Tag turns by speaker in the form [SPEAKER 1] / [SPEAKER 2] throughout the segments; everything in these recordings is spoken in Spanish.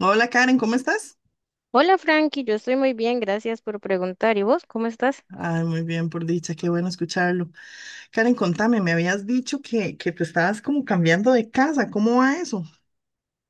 [SPEAKER 1] Hola Karen, ¿cómo estás?
[SPEAKER 2] Hola Frankie, yo estoy muy bien, gracias por preguntar. ¿Y vos cómo estás?
[SPEAKER 1] Ay, muy bien, por dicha, qué bueno escucharlo. Karen, contame, me habías dicho que te estabas como cambiando de casa, ¿cómo va eso?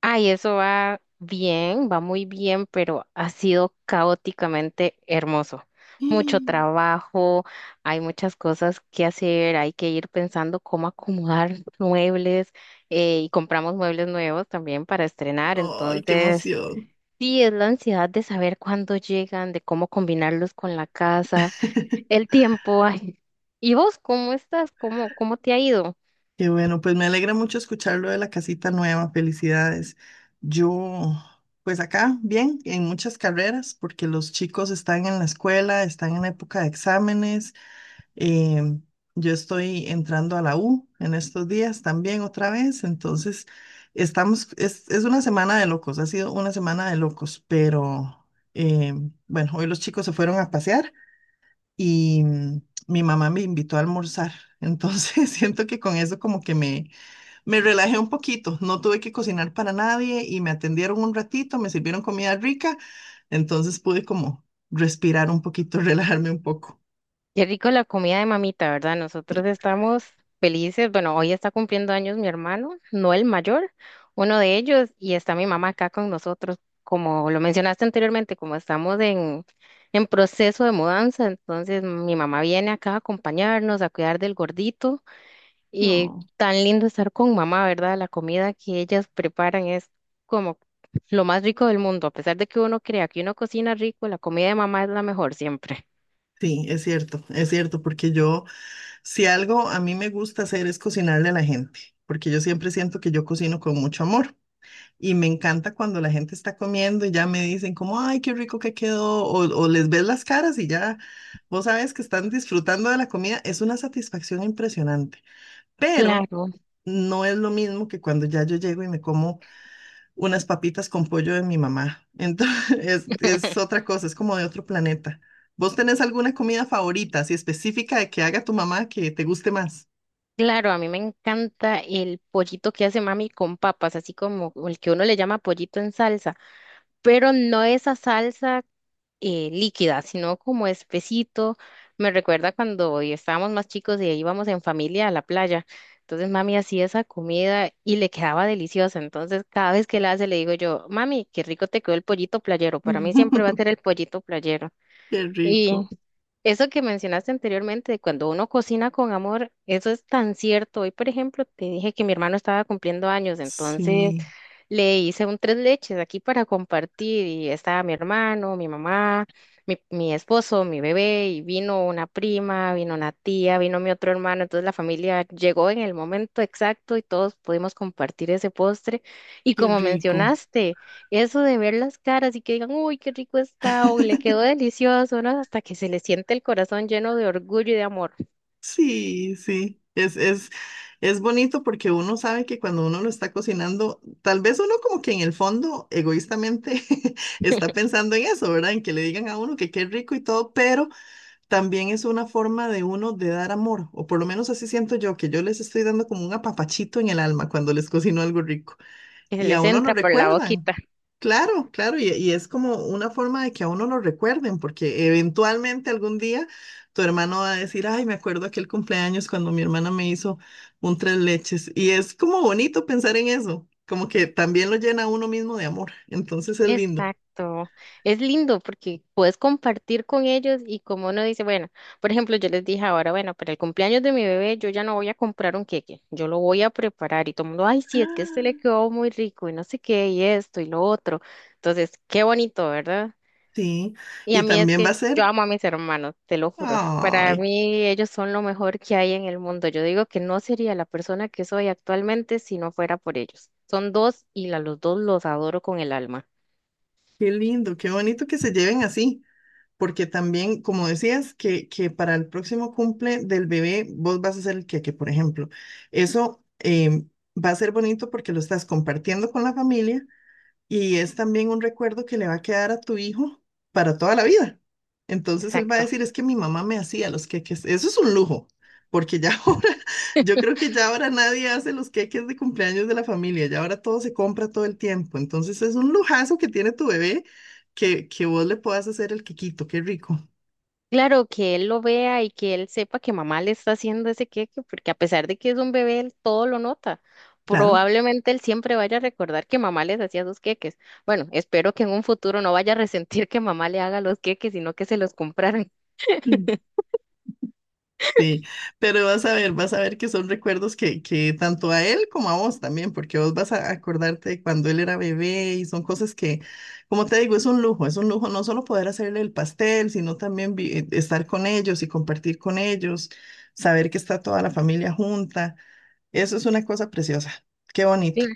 [SPEAKER 2] Ay, eso va bien, va muy bien, pero ha sido caóticamente hermoso. Mucho
[SPEAKER 1] Mm.
[SPEAKER 2] trabajo, hay muchas cosas que hacer, hay que ir pensando cómo acomodar muebles y compramos muebles nuevos también para estrenar.
[SPEAKER 1] Ay, qué
[SPEAKER 2] Entonces,
[SPEAKER 1] emoción.
[SPEAKER 2] sí, es la ansiedad de saber cuándo llegan, de cómo combinarlos con la casa, el tiempo. Ay. ¿Y vos cómo estás? ¿Cómo te ha ido?
[SPEAKER 1] Qué bueno, pues me alegra mucho escucharlo de la casita nueva, felicidades. Yo, pues acá, bien, en muchas carreras, porque los chicos están en la escuela, están en época de exámenes. Eh, yo estoy entrando a la U en estos días también otra vez, entonces estamos, es una semana de locos, ha sido una semana de locos, pero eh, bueno, hoy los chicos se fueron a pasear y mi mamá me invitó a almorzar, entonces siento que con eso como que me relajé un poquito, no tuve que cocinar para nadie y me atendieron un ratito, me sirvieron comida rica, entonces pude como respirar un poquito, relajarme un poco.
[SPEAKER 2] Qué rico la comida de mamita, ¿verdad? Nosotros estamos felices. Bueno, hoy está cumpliendo años mi hermano, no el mayor, uno de ellos, y está mi mamá acá con nosotros. Como lo mencionaste anteriormente, como estamos en proceso de mudanza, entonces mi mamá viene acá a acompañarnos, a cuidar del gordito. Y tan lindo estar con mamá, ¿verdad? La comida que ellas preparan es como lo más rico del mundo. A pesar de que uno crea que uno cocina rico, la comida de mamá es la mejor siempre.
[SPEAKER 1] Sí, es cierto, porque yo, si algo a mí me gusta hacer es cocinarle a la gente, porque yo siempre siento que yo cocino con mucho amor y me encanta cuando la gente está comiendo y ya me dicen como, ay, qué rico que quedó, o les ves las caras y ya vos sabes que están disfrutando de la comida, es una satisfacción impresionante, pero
[SPEAKER 2] Claro.
[SPEAKER 1] no es lo mismo que cuando ya yo llego y me como unas papitas con pollo de mi mamá. Entonces, es otra cosa, es como de otro planeta. ¿Vos tenés alguna comida favorita, así específica de que haga tu mamá que te guste más?
[SPEAKER 2] Claro, a mí me encanta el pollito que hace mami con papas, así como el que uno le llama pollito en salsa, pero no esa salsa líquida, sino como espesito. Me recuerda cuando estábamos más chicos y íbamos en familia a la playa. Entonces mami hacía esa comida y le quedaba deliciosa. Entonces cada vez que la hace le digo yo, mami, qué rico te quedó el pollito playero. Para mí siempre va a ser el pollito playero.
[SPEAKER 1] Qué rico.
[SPEAKER 2] Eso que mencionaste anteriormente, de cuando uno cocina con amor, eso es tan cierto. Hoy, por ejemplo, te dije que mi hermano estaba cumpliendo años, entonces
[SPEAKER 1] Sí,
[SPEAKER 2] le hice un tres leches aquí para compartir y estaba mi hermano, mi mamá, mi esposo, mi bebé y vino una prima, vino una tía, vino mi otro hermano. Entonces la familia llegó en el momento exacto y todos pudimos compartir ese postre. Y
[SPEAKER 1] qué
[SPEAKER 2] como
[SPEAKER 1] rico.
[SPEAKER 2] mencionaste, eso de ver las caras y que digan, uy, qué rico está o le quedó delicioso, ¿no? Hasta que se les siente el corazón lleno de orgullo y de amor,
[SPEAKER 1] Sí, sí. Es bonito porque uno sabe que cuando uno lo está cocinando, tal vez uno como que en el fondo, egoístamente, está pensando en eso, ¿verdad? En que le digan a uno que qué rico y todo, pero también es una forma de uno de dar amor, o por lo menos así siento yo, que yo les estoy dando como un apapachito en el alma cuando les cocino algo rico
[SPEAKER 2] que se
[SPEAKER 1] y a
[SPEAKER 2] les
[SPEAKER 1] uno lo
[SPEAKER 2] entra por la
[SPEAKER 1] recuerdan.
[SPEAKER 2] boquita.
[SPEAKER 1] Claro, claro, y es como una forma de que a uno lo recuerden, porque eventualmente algún día tu hermano va a decir, ay, me acuerdo aquel cumpleaños cuando mi hermana me hizo un tres leches, y es como bonito pensar en eso, como que también lo llena a uno mismo de amor, entonces es lindo.
[SPEAKER 2] Exacto. Es lindo porque puedes compartir con ellos y como uno dice, bueno, por ejemplo, yo les dije ahora, bueno, para el cumpleaños de mi bebé yo ya no voy a comprar un queque, yo lo voy a preparar y todo el mundo, ay, sí, es que este le quedó muy rico y no sé qué y esto y lo otro. Entonces, qué bonito, ¿verdad?
[SPEAKER 1] Sí,
[SPEAKER 2] Y a
[SPEAKER 1] y
[SPEAKER 2] mí es
[SPEAKER 1] también va
[SPEAKER 2] que
[SPEAKER 1] a
[SPEAKER 2] yo
[SPEAKER 1] ser,
[SPEAKER 2] amo a mis hermanos, te lo juro. Para
[SPEAKER 1] ay,
[SPEAKER 2] mí ellos son lo mejor que hay en el mundo. Yo digo que no sería la persona que soy actualmente si no fuera por ellos. Son dos y a los dos los adoro con el alma.
[SPEAKER 1] qué lindo, qué bonito que se lleven así, porque también, como decías, que para el próximo cumple del bebé vos vas a ser el queque, por ejemplo. Eso va a ser bonito porque lo estás compartiendo con la familia y es también un recuerdo que le va a quedar a tu hijo para toda la vida. Entonces él va a
[SPEAKER 2] Exacto.
[SPEAKER 1] decir, es que mi mamá me hacía los queques. Eso es un lujo, porque ya ahora, yo creo que ya ahora nadie hace los queques de cumpleaños de la familia, ya ahora todo se compra todo el tiempo. Entonces es un lujazo que tiene tu bebé que vos le puedas hacer el quequito, qué rico.
[SPEAKER 2] Claro, que él lo vea y que él sepa que mamá le está haciendo ese queque, porque a pesar de que es un bebé, él todo lo nota.
[SPEAKER 1] Claro.
[SPEAKER 2] Probablemente él siempre vaya a recordar que mamá les hacía sus queques. Bueno, espero que en un futuro no vaya a resentir que mamá le haga los queques, sino que se los compraran.
[SPEAKER 1] Sí, pero vas a ver que son recuerdos que tanto a él como a vos también, porque vos vas a acordarte de cuando él era bebé y son cosas que, como te digo, es un lujo no solo poder hacerle el pastel, sino también estar con ellos y compartir con ellos, saber que está toda la familia junta. Eso es una cosa preciosa. Qué bonito.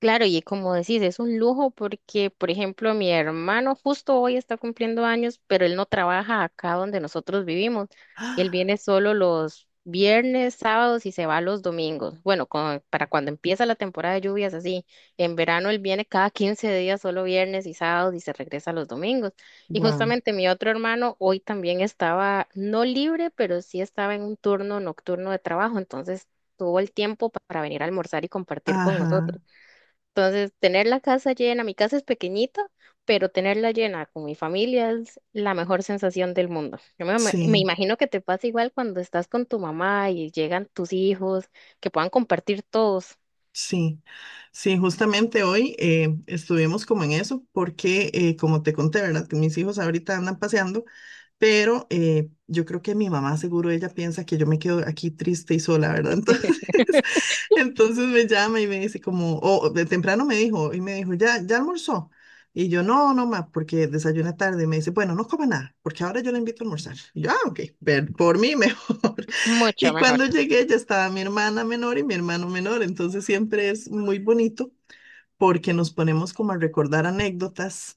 [SPEAKER 2] Claro, y como decís, es un lujo porque, por ejemplo, mi hermano justo hoy está cumpliendo años, pero él no trabaja acá donde nosotros vivimos. Él
[SPEAKER 1] Ah,
[SPEAKER 2] viene solo los viernes, sábados y se va los domingos. Bueno, para cuando empieza la temporada de lluvias, así. En verano él viene cada 15 días, solo viernes y sábados y se regresa los domingos. Y
[SPEAKER 1] wow.
[SPEAKER 2] justamente mi otro hermano hoy también estaba, no libre, pero sí estaba en un turno nocturno de trabajo, entonces tuvo el tiempo para venir a almorzar y compartir con nosotros.
[SPEAKER 1] Ajá,
[SPEAKER 2] Entonces, tener la casa llena, mi casa es pequeñita, pero tenerla llena con mi familia es la mejor sensación del mundo. Yo me
[SPEAKER 1] sí.
[SPEAKER 2] imagino que te pasa igual cuando estás con tu mamá y llegan tus hijos, que puedan compartir todos.
[SPEAKER 1] Sí, sí, justamente hoy estuvimos como en eso, porque como te conté, ¿verdad? Que mis hijos ahorita andan paseando, pero yo creo que mi mamá seguro ella piensa que yo me quedo aquí triste y sola, ¿verdad? Entonces, entonces me llama y me dice como, o de temprano me dijo, y me dijo, ¿ya, ya almorzó? Y yo, no, no, ma, porque desayuné tarde. Y me dice, bueno, no coma nada, porque ahora yo la invito a almorzar. Y yo, ah, ok, ver- por mí mejor.
[SPEAKER 2] Mucho
[SPEAKER 1] Y
[SPEAKER 2] mejor.
[SPEAKER 1] cuando llegué ya estaba mi hermana menor y mi hermano menor, entonces siempre es muy bonito porque nos ponemos como a recordar anécdotas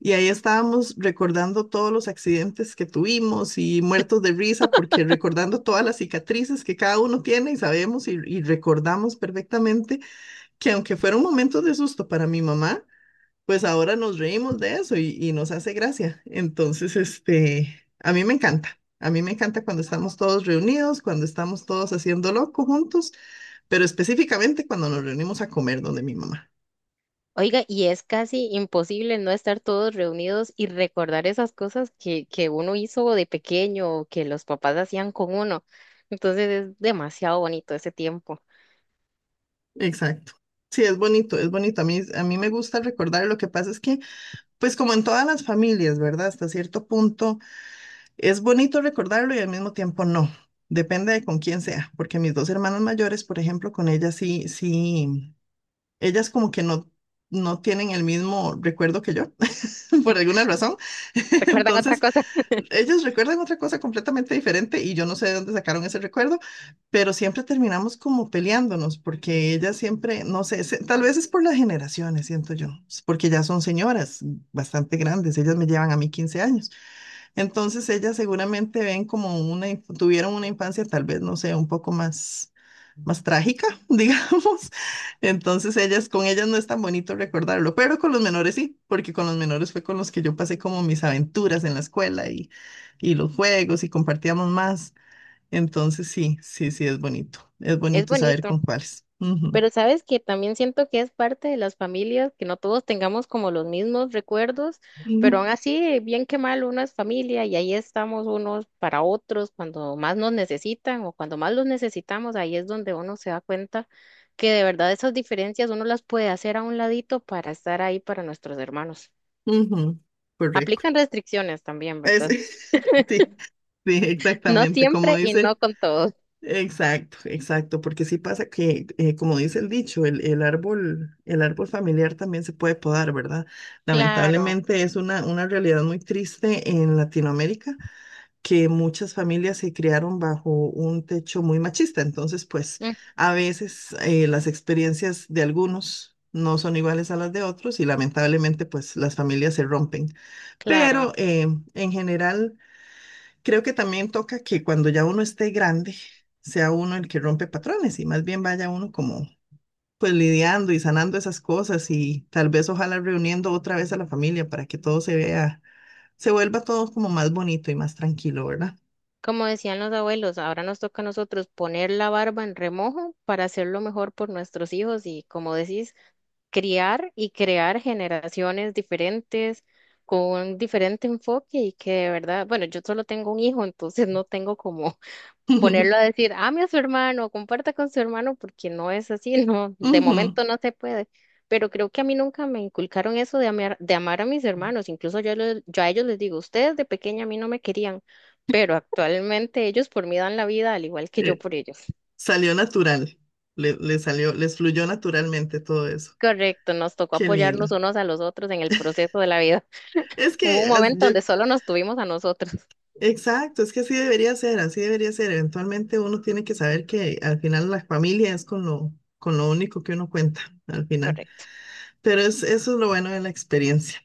[SPEAKER 1] y ahí estábamos recordando todos los accidentes que tuvimos y muertos de risa porque recordando todas las cicatrices que cada uno tiene y sabemos y recordamos perfectamente que aunque fueron momentos de susto para mi mamá, pues ahora nos reímos de eso y nos hace gracia. Entonces, este, a mí me encanta. A mí me encanta cuando estamos todos reunidos, cuando estamos todos haciendo loco juntos, pero específicamente cuando nos reunimos a comer donde mi mamá.
[SPEAKER 2] Oiga, y es casi imposible no estar todos reunidos y recordar esas cosas que uno hizo de pequeño o que los papás hacían con uno. Entonces es demasiado bonito ese tiempo.
[SPEAKER 1] Exacto. Sí, es bonito, es bonito. A mí me gusta recordar. Lo que pasa es que, pues como en todas las familias, ¿verdad? Hasta cierto punto es bonito recordarlo y al mismo tiempo no. Depende de con quién sea, porque mis dos hermanas mayores, por ejemplo, con ellas sí, sí. Ellas como que no, no tienen el mismo recuerdo que yo, por alguna razón.
[SPEAKER 2] ¿Recuerdan otra
[SPEAKER 1] Entonces,
[SPEAKER 2] cosa?
[SPEAKER 1] ellas recuerdan otra cosa completamente diferente y yo no sé de dónde sacaron ese recuerdo, pero siempre terminamos como peleándonos porque ellas siempre, no sé, se- tal vez es por las generaciones, siento yo, es porque ya son señoras bastante grandes, ellas me llevan a mí 15 años. Entonces, ellas seguramente ven como una, inf- tuvieron una infancia tal vez, no sé, un poco más más trágica, digamos. Entonces ellas, con ellas no es tan bonito recordarlo, pero con los menores sí, porque con los menores fue con los que yo pasé como mis aventuras en la escuela y los juegos y compartíamos más. Entonces sí, sí, sí, es bonito. Es
[SPEAKER 2] Es
[SPEAKER 1] bonito saber
[SPEAKER 2] bonito.
[SPEAKER 1] con cuáles. Ujú,
[SPEAKER 2] Pero sabes que también siento que es parte de las familias, que no todos tengamos como los mismos recuerdos, pero
[SPEAKER 1] ujú,
[SPEAKER 2] aún así, bien que mal, uno es familia y ahí estamos unos para otros cuando más nos necesitan o cuando más los necesitamos, ahí es donde uno se da cuenta que de verdad esas diferencias uno las puede hacer a un ladito para estar ahí para nuestros hermanos.
[SPEAKER 1] ujú, correcto.
[SPEAKER 2] Aplican restricciones también,
[SPEAKER 1] Es,
[SPEAKER 2] ¿verdad?
[SPEAKER 1] sí, sí,
[SPEAKER 2] No
[SPEAKER 1] exactamente. Como
[SPEAKER 2] siempre y no
[SPEAKER 1] dice.
[SPEAKER 2] con todos.
[SPEAKER 1] Exacto, exacto, porque sí pasa que, como dice el dicho, el árbol familiar también se puede podar, ¿verdad?
[SPEAKER 2] Claro,
[SPEAKER 1] Lamentablemente es una realidad muy triste en Latinoamérica, que muchas familias se criaron bajo un techo muy machista, entonces pues
[SPEAKER 2] mm,
[SPEAKER 1] a veces las experiencias de algunos no son iguales a las de otros y lamentablemente pues las familias se rompen,
[SPEAKER 2] claro.
[SPEAKER 1] pero en general... Creo que también toca que cuando ya uno esté grande, sea uno el que rompe patrones y más bien vaya uno como pues lidiando y sanando esas cosas y tal vez ojalá reuniendo otra vez a la familia para que todo se vea, se vuelva todo como más bonito y más tranquilo, ¿verdad?
[SPEAKER 2] Como decían los abuelos, ahora nos toca a nosotros poner la barba en remojo para hacerlo mejor por nuestros hijos y, como decís, criar y crear generaciones diferentes con un diferente enfoque y que de verdad, bueno, yo solo tengo un hijo, entonces no tengo como ponerlo a decir, ame a su hermano, comparta con su hermano, porque no es así, no, de
[SPEAKER 1] Ujú.
[SPEAKER 2] momento no se puede. Pero creo que a mí nunca me inculcaron eso de amar a mis hermanos. Incluso yo, yo a ellos les digo, ustedes de pequeña a mí no me querían, pero actualmente ellos por mí dan la vida, al igual que yo
[SPEAKER 1] Eh,
[SPEAKER 2] por ellos.
[SPEAKER 1] Salió natural, le salió, les fluyó naturalmente todo eso.
[SPEAKER 2] Correcto, nos tocó
[SPEAKER 1] Qué lindo.
[SPEAKER 2] apoyarnos unos a los otros en el proceso de la vida.
[SPEAKER 1] Es
[SPEAKER 2] Hubo
[SPEAKER 1] que
[SPEAKER 2] un
[SPEAKER 1] as-
[SPEAKER 2] momento
[SPEAKER 1] yo
[SPEAKER 2] donde solo nos tuvimos a nosotros.
[SPEAKER 1] exacto, es que así debería ser, así debería ser. Eventualmente uno tiene que saber que al final la familia es con lo único que uno cuenta al final.
[SPEAKER 2] Correcto.
[SPEAKER 1] Pero es, eso es lo bueno de la experiencia.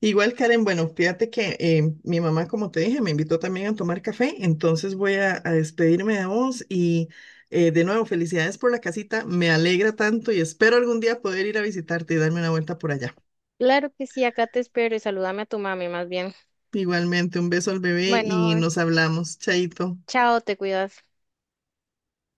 [SPEAKER 1] Igual, Karen, bueno, fíjate que mi mamá, como te dije, me invitó también a tomar café, entonces voy a despedirme de vos y de nuevo, felicidades por la casita, me alegra tanto y espero algún día poder ir a visitarte y darme una vuelta por allá.
[SPEAKER 2] Claro que sí, acá te espero y salúdame a tu mami más bien.
[SPEAKER 1] Igualmente, un beso al bebé
[SPEAKER 2] Bueno,
[SPEAKER 1] y nos hablamos, chaito.
[SPEAKER 2] chao, te cuidas.